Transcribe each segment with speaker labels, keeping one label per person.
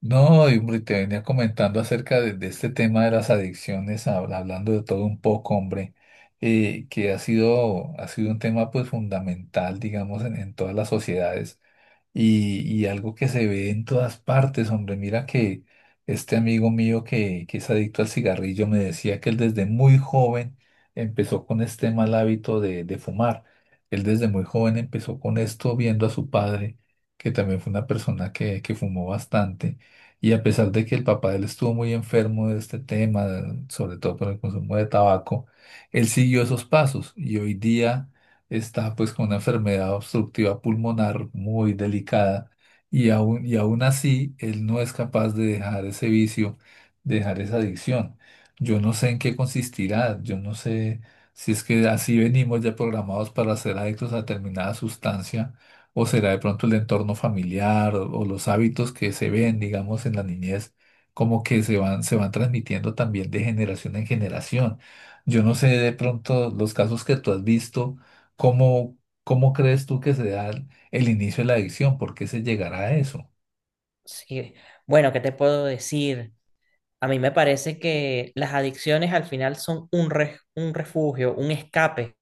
Speaker 1: No, y hombre, te venía comentando acerca de este tema de las adicciones, hablando de todo un poco, hombre, que ha sido un tema pues fundamental, digamos, en todas las sociedades y algo que se ve en todas partes, hombre. Mira que este amigo mío que es adicto al cigarrillo me decía que él desde muy joven empezó con este mal hábito de fumar. Él desde muy joven empezó con esto viendo a su padre, que también fue una persona que fumó bastante. Y a pesar de que el papá de él estuvo muy enfermo de este tema, sobre todo por el consumo de tabaco, él siguió esos pasos y hoy día está pues con una enfermedad obstructiva pulmonar muy delicada y aún así él no es capaz de dejar ese vicio, de dejar esa adicción. Yo no sé en qué consistirá, yo no sé si es que así venimos ya programados para ser adictos a determinada sustancia o será de pronto el entorno familiar o los hábitos que se ven, digamos, en la niñez, como que se van transmitiendo también de generación en generación. Yo no sé de pronto los casos que tú has visto. ¿Cómo, cómo crees tú que se da el inicio de la adicción? ¿Por qué se llegará a eso?
Speaker 2: Sí, bueno, ¿qué te puedo decir? A mí me parece que las adicciones al final son un refugio, un escape,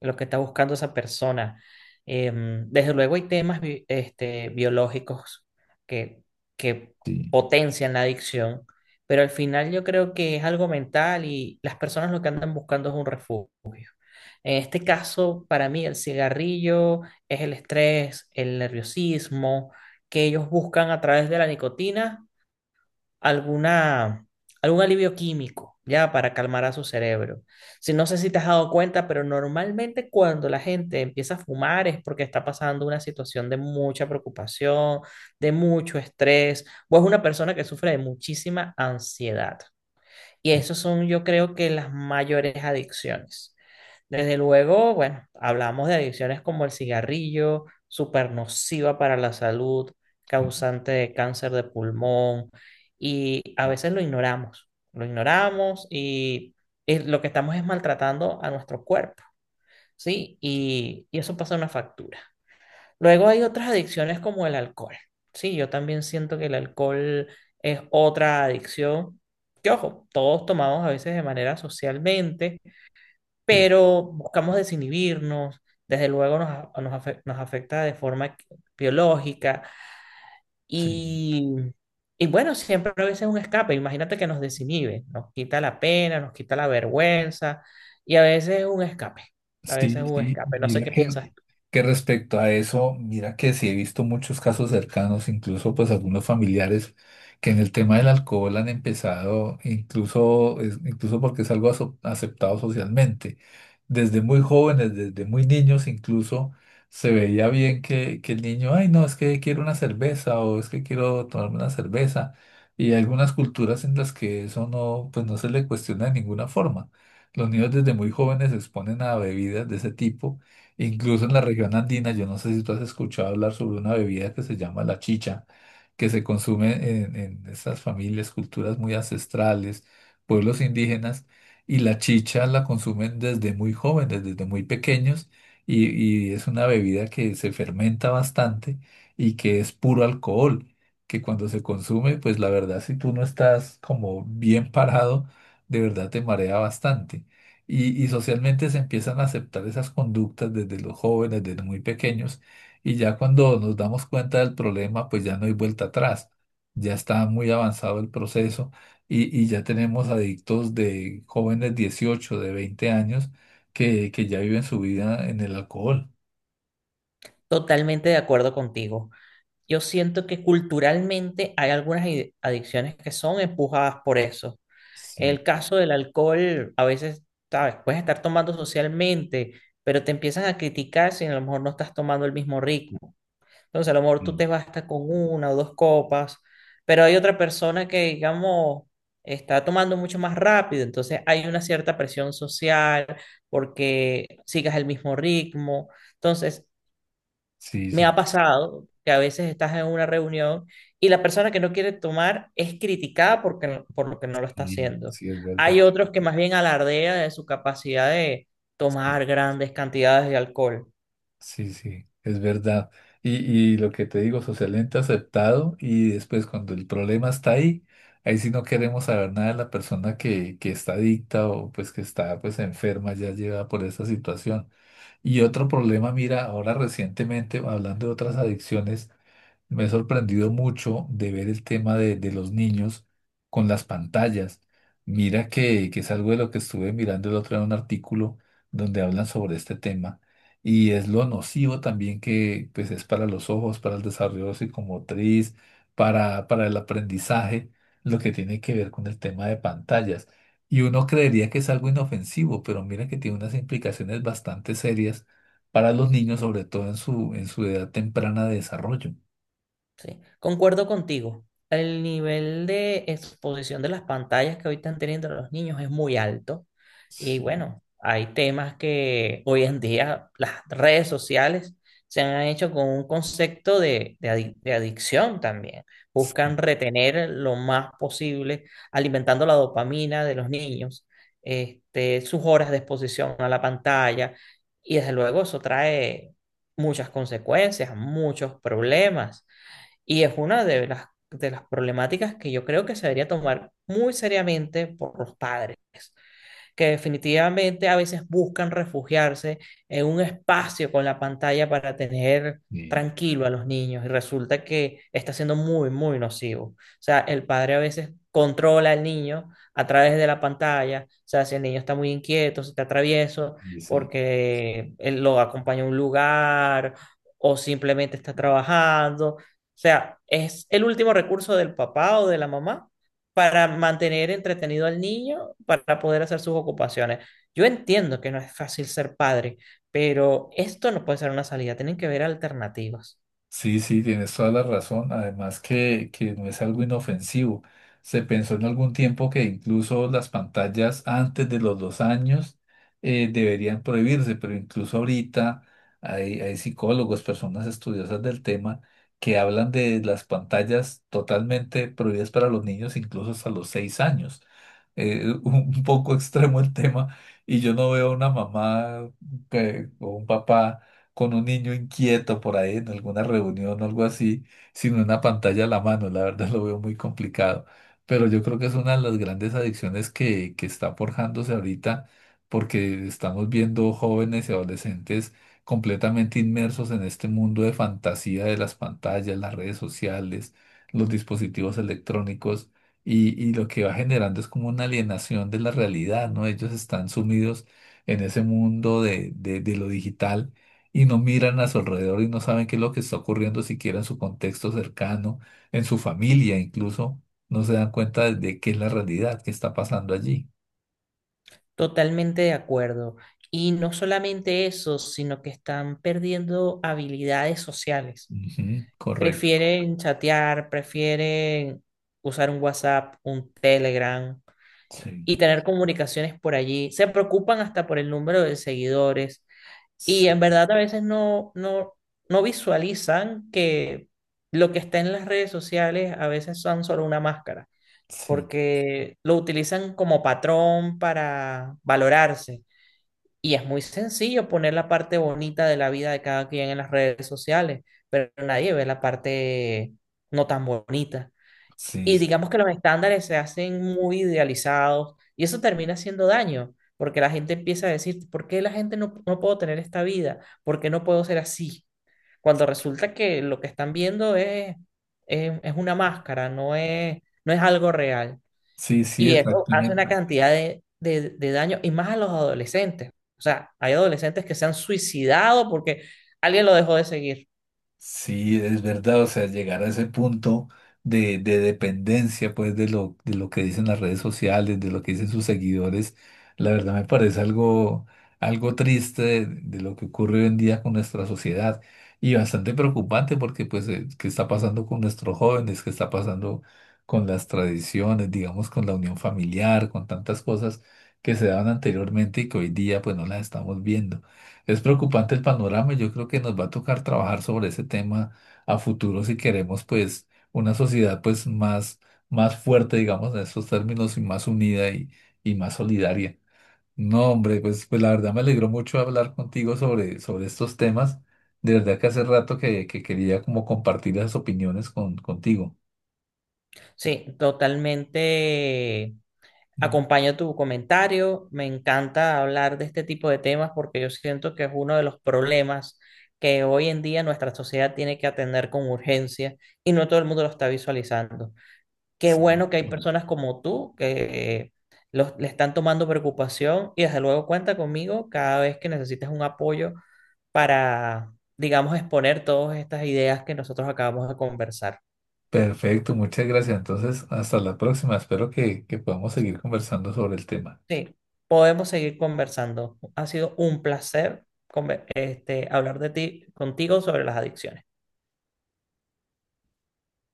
Speaker 2: lo que está buscando esa persona. Desde luego hay temas biológicos que, que
Speaker 1: Sí,
Speaker 2: potencian la adicción, pero al final yo creo que es algo mental y las personas lo que andan buscando es un refugio. En este caso, para mí, el cigarrillo es el estrés, el nerviosismo que ellos buscan a través de la nicotina alguna, algún alivio químico, ya, para calmar a su cerebro. Si no sé si te has dado cuenta, pero normalmente cuando la gente empieza a fumar es porque está pasando una situación de mucha preocupación, de mucho estrés, o es una persona que sufre de muchísima ansiedad. Y esos son, yo creo que las mayores adicciones. Desde luego, bueno, hablamos de adicciones como el cigarrillo, súper nociva para la salud, causante de cáncer de pulmón, y a veces lo ignoramos, lo que estamos es maltratando a nuestro cuerpo, ¿sí? Y eso pasa una factura. Luego hay otras adicciones como el alcohol. Sí, yo también siento que el alcohol es otra adicción. Que ojo, todos tomamos a veces de manera socialmente,
Speaker 1: sí,
Speaker 2: pero buscamos desinhibirnos. Desde luego nos afecta de forma biológica
Speaker 1: sí.
Speaker 2: y, y bueno, siempre a veces es un escape. Imagínate que nos desinhibe, nos quita la pena, nos quita la vergüenza y a veces es un escape. A veces es
Speaker 1: Sí,
Speaker 2: un
Speaker 1: sí.
Speaker 2: escape. No sé
Speaker 1: Mira
Speaker 2: qué piensas.
Speaker 1: que respecto a eso, mira que sí he visto muchos casos cercanos, incluso pues algunos familiares que en el tema del alcohol han empezado, incluso, incluso porque es algo aceptado socialmente. Desde muy jóvenes, desde muy niños incluso, se veía bien que el niño, ay no, es que quiero una cerveza o es que quiero tomarme una cerveza. Y hay algunas culturas en las que eso no, pues no se le cuestiona de ninguna forma. Los niños desde muy jóvenes se exponen a bebidas de ese tipo. Incluso en la región andina, yo no sé si tú has escuchado hablar sobre una bebida que se llama la chicha, que se consume en estas familias, culturas muy ancestrales, pueblos indígenas, y la chicha la consumen desde muy jóvenes, desde muy pequeños, y es una bebida que se fermenta bastante y que es puro alcohol, que cuando se consume, pues la verdad, si tú no estás como bien parado, de verdad te marea bastante. Y socialmente se empiezan a aceptar esas conductas desde los jóvenes, desde muy pequeños, y ya cuando nos damos cuenta del problema, pues ya no hay vuelta atrás, ya está muy avanzado el proceso y ya tenemos adictos de jóvenes 18 de 20 años, que ya viven su vida en el alcohol.
Speaker 2: Totalmente de acuerdo contigo. Yo siento que culturalmente hay algunas adicciones que son empujadas por eso.
Speaker 1: Sí,
Speaker 2: El caso del alcohol, a veces, sabes, puedes estar tomando socialmente, pero te empiezan a criticar si a lo mejor no estás tomando el mismo ritmo. Entonces, a lo mejor tú te
Speaker 1: mm,
Speaker 2: basta con una o dos copas, pero hay otra persona que, digamos, está tomando mucho más rápido. Entonces, hay una cierta presión social porque sigas el mismo ritmo. Entonces,
Speaker 1: sí,
Speaker 2: me ha
Speaker 1: sí,
Speaker 2: pasado que a veces estás en una reunión y la persona que no quiere tomar es criticada por lo que no lo está
Speaker 1: sí,
Speaker 2: haciendo.
Speaker 1: sí, es verdad.
Speaker 2: Hay otros que más bien alardean de su capacidad de
Speaker 1: Sí.
Speaker 2: tomar grandes cantidades de alcohol.
Speaker 1: Sí, sí, es verdad. Y, y lo que te digo, socialmente aceptado y después cuando el problema está ahí, ahí sí no queremos saber nada de la persona que está adicta o pues que está pues enferma ya llevada por esa situación. Y otro problema, mira, ahora recientemente, hablando de otras adicciones, me he sorprendido mucho de ver el tema de los niños con las pantallas. Mira que es algo de lo que estuve mirando el otro día en un artículo donde hablan sobre este tema y es lo nocivo también que pues, es para los ojos, para el desarrollo psicomotriz, para el aprendizaje, lo que tiene que ver con el tema de pantallas. Y uno creería que es algo inofensivo, pero mira que tiene unas implicaciones bastante serias para los niños, sobre todo en su, edad temprana de desarrollo.
Speaker 2: Sí, concuerdo contigo. El nivel de exposición de las pantallas que hoy están teniendo los niños es muy alto. Y
Speaker 1: Sí,
Speaker 2: bueno, hay temas que hoy en día las redes sociales se han hecho con un concepto de adicción también. Buscan retener lo más posible, alimentando la dopamina de los niños, sus horas de exposición a la pantalla. Y desde luego eso trae muchas consecuencias, muchos problemas. Y es una de las problemáticas que yo creo que se debería tomar muy seriamente por los padres que definitivamente a veces buscan refugiarse en un espacio con la pantalla para tener
Speaker 1: sí,
Speaker 2: tranquilo a los niños y resulta que está siendo muy, muy nocivo. O sea, el padre a veces controla al niño a través de la pantalla, o sea, si el niño está muy inquieto, si está travieso,
Speaker 1: y sí,
Speaker 2: porque él lo acompaña a un lugar o simplemente está trabajando. O sea, es el último recurso del papá o de la mamá para mantener entretenido al niño para poder hacer sus ocupaciones. Yo entiendo que no es fácil ser padre, pero esto no puede ser una salida, tienen que ver alternativas.
Speaker 1: sí, sí, tienes toda la razón. Además que no es algo inofensivo. Se pensó en algún tiempo que incluso las pantallas antes de los 2 años deberían prohibirse, pero incluso ahorita hay psicólogos, personas estudiosas del tema, que hablan de las pantallas totalmente prohibidas para los niños, incluso hasta los 6 años. Un poco extremo el tema, y yo no veo una mamá o un papá con un niño inquieto por ahí en alguna reunión o algo así, sin una pantalla a la mano, la verdad lo veo muy complicado. Pero yo creo que es una de las grandes adicciones que está forjándose ahorita, porque estamos viendo jóvenes y adolescentes completamente inmersos en este mundo de fantasía de las pantallas, las redes sociales, los dispositivos electrónicos. Y lo que va generando es como una alienación de la realidad, ¿no? Ellos están sumidos en ese mundo de lo digital y no miran a su alrededor y no saben qué es lo que está ocurriendo siquiera en su contexto cercano, en su familia incluso, no se dan cuenta de qué es la realidad, qué está pasando allí.
Speaker 2: Totalmente de acuerdo. Y no solamente eso, sino que están perdiendo habilidades sociales.
Speaker 1: Ujú, correcto.
Speaker 2: Prefieren chatear, prefieren usar un WhatsApp, un Telegram
Speaker 1: Sí,
Speaker 2: y tener comunicaciones por allí. Se preocupan hasta por el número de seguidores.
Speaker 1: sí,
Speaker 2: Y en verdad a veces no visualizan que lo que está en las redes sociales a veces son solo una máscara,
Speaker 1: sí,
Speaker 2: porque lo utilizan como patrón para valorarse. Y es muy sencillo poner la parte bonita de la vida de cada quien en las redes sociales, pero nadie ve la parte no tan bonita. Y digamos que los estándares se hacen muy idealizados y eso termina haciendo daño, porque la gente empieza a decir, ¿por qué la gente no, no puedo tener esta vida? ¿Por qué no puedo ser así? Cuando resulta que lo que están viendo es una máscara, no es algo real.
Speaker 1: sí, sí,
Speaker 2: Y eso hace una
Speaker 1: exactamente.
Speaker 2: cantidad de daño y más a los adolescentes. O sea, hay adolescentes que se han suicidado porque alguien lo dejó de seguir.
Speaker 1: Sí, es verdad, o sea, llegar a ese punto de dependencia, pues, de lo que dicen las redes sociales, de lo que dicen sus seguidores, la verdad me parece algo, triste de lo que ocurre hoy en día con nuestra sociedad y bastante preocupante porque, pues, qué está pasando con nuestros jóvenes, qué está pasando con las tradiciones, digamos, con la unión familiar, con tantas cosas que se daban anteriormente y que hoy día, pues, no las estamos viendo. Es preocupante el panorama y yo creo que nos va a tocar trabajar sobre ese tema a futuro si queremos pues una sociedad pues más, más fuerte, digamos, en estos términos y más unida y más solidaria. No, hombre, pues, pues la verdad me alegró mucho hablar contigo sobre estos temas. De verdad que hace rato que quería como compartir las opiniones contigo.
Speaker 2: Sí, totalmente.
Speaker 1: Mm.
Speaker 2: Acompaño tu comentario. Me encanta hablar de este tipo de temas porque yo siento que es uno de los problemas que hoy en día nuestra sociedad tiene que atender con urgencia y no todo el mundo lo está visualizando. Qué
Speaker 1: Sí.
Speaker 2: bueno que hay personas como tú que los, le están tomando preocupación y desde luego cuenta conmigo cada vez que necesites un apoyo para, digamos, exponer todas estas ideas que nosotros acabamos de conversar.
Speaker 1: Perfecto, muchas gracias. Entonces, hasta la próxima. Espero que podamos
Speaker 2: Sí.
Speaker 1: seguir conversando sobre el tema.
Speaker 2: Sí, podemos seguir conversando. Ha sido un placer hablar de ti, contigo sobre las adicciones.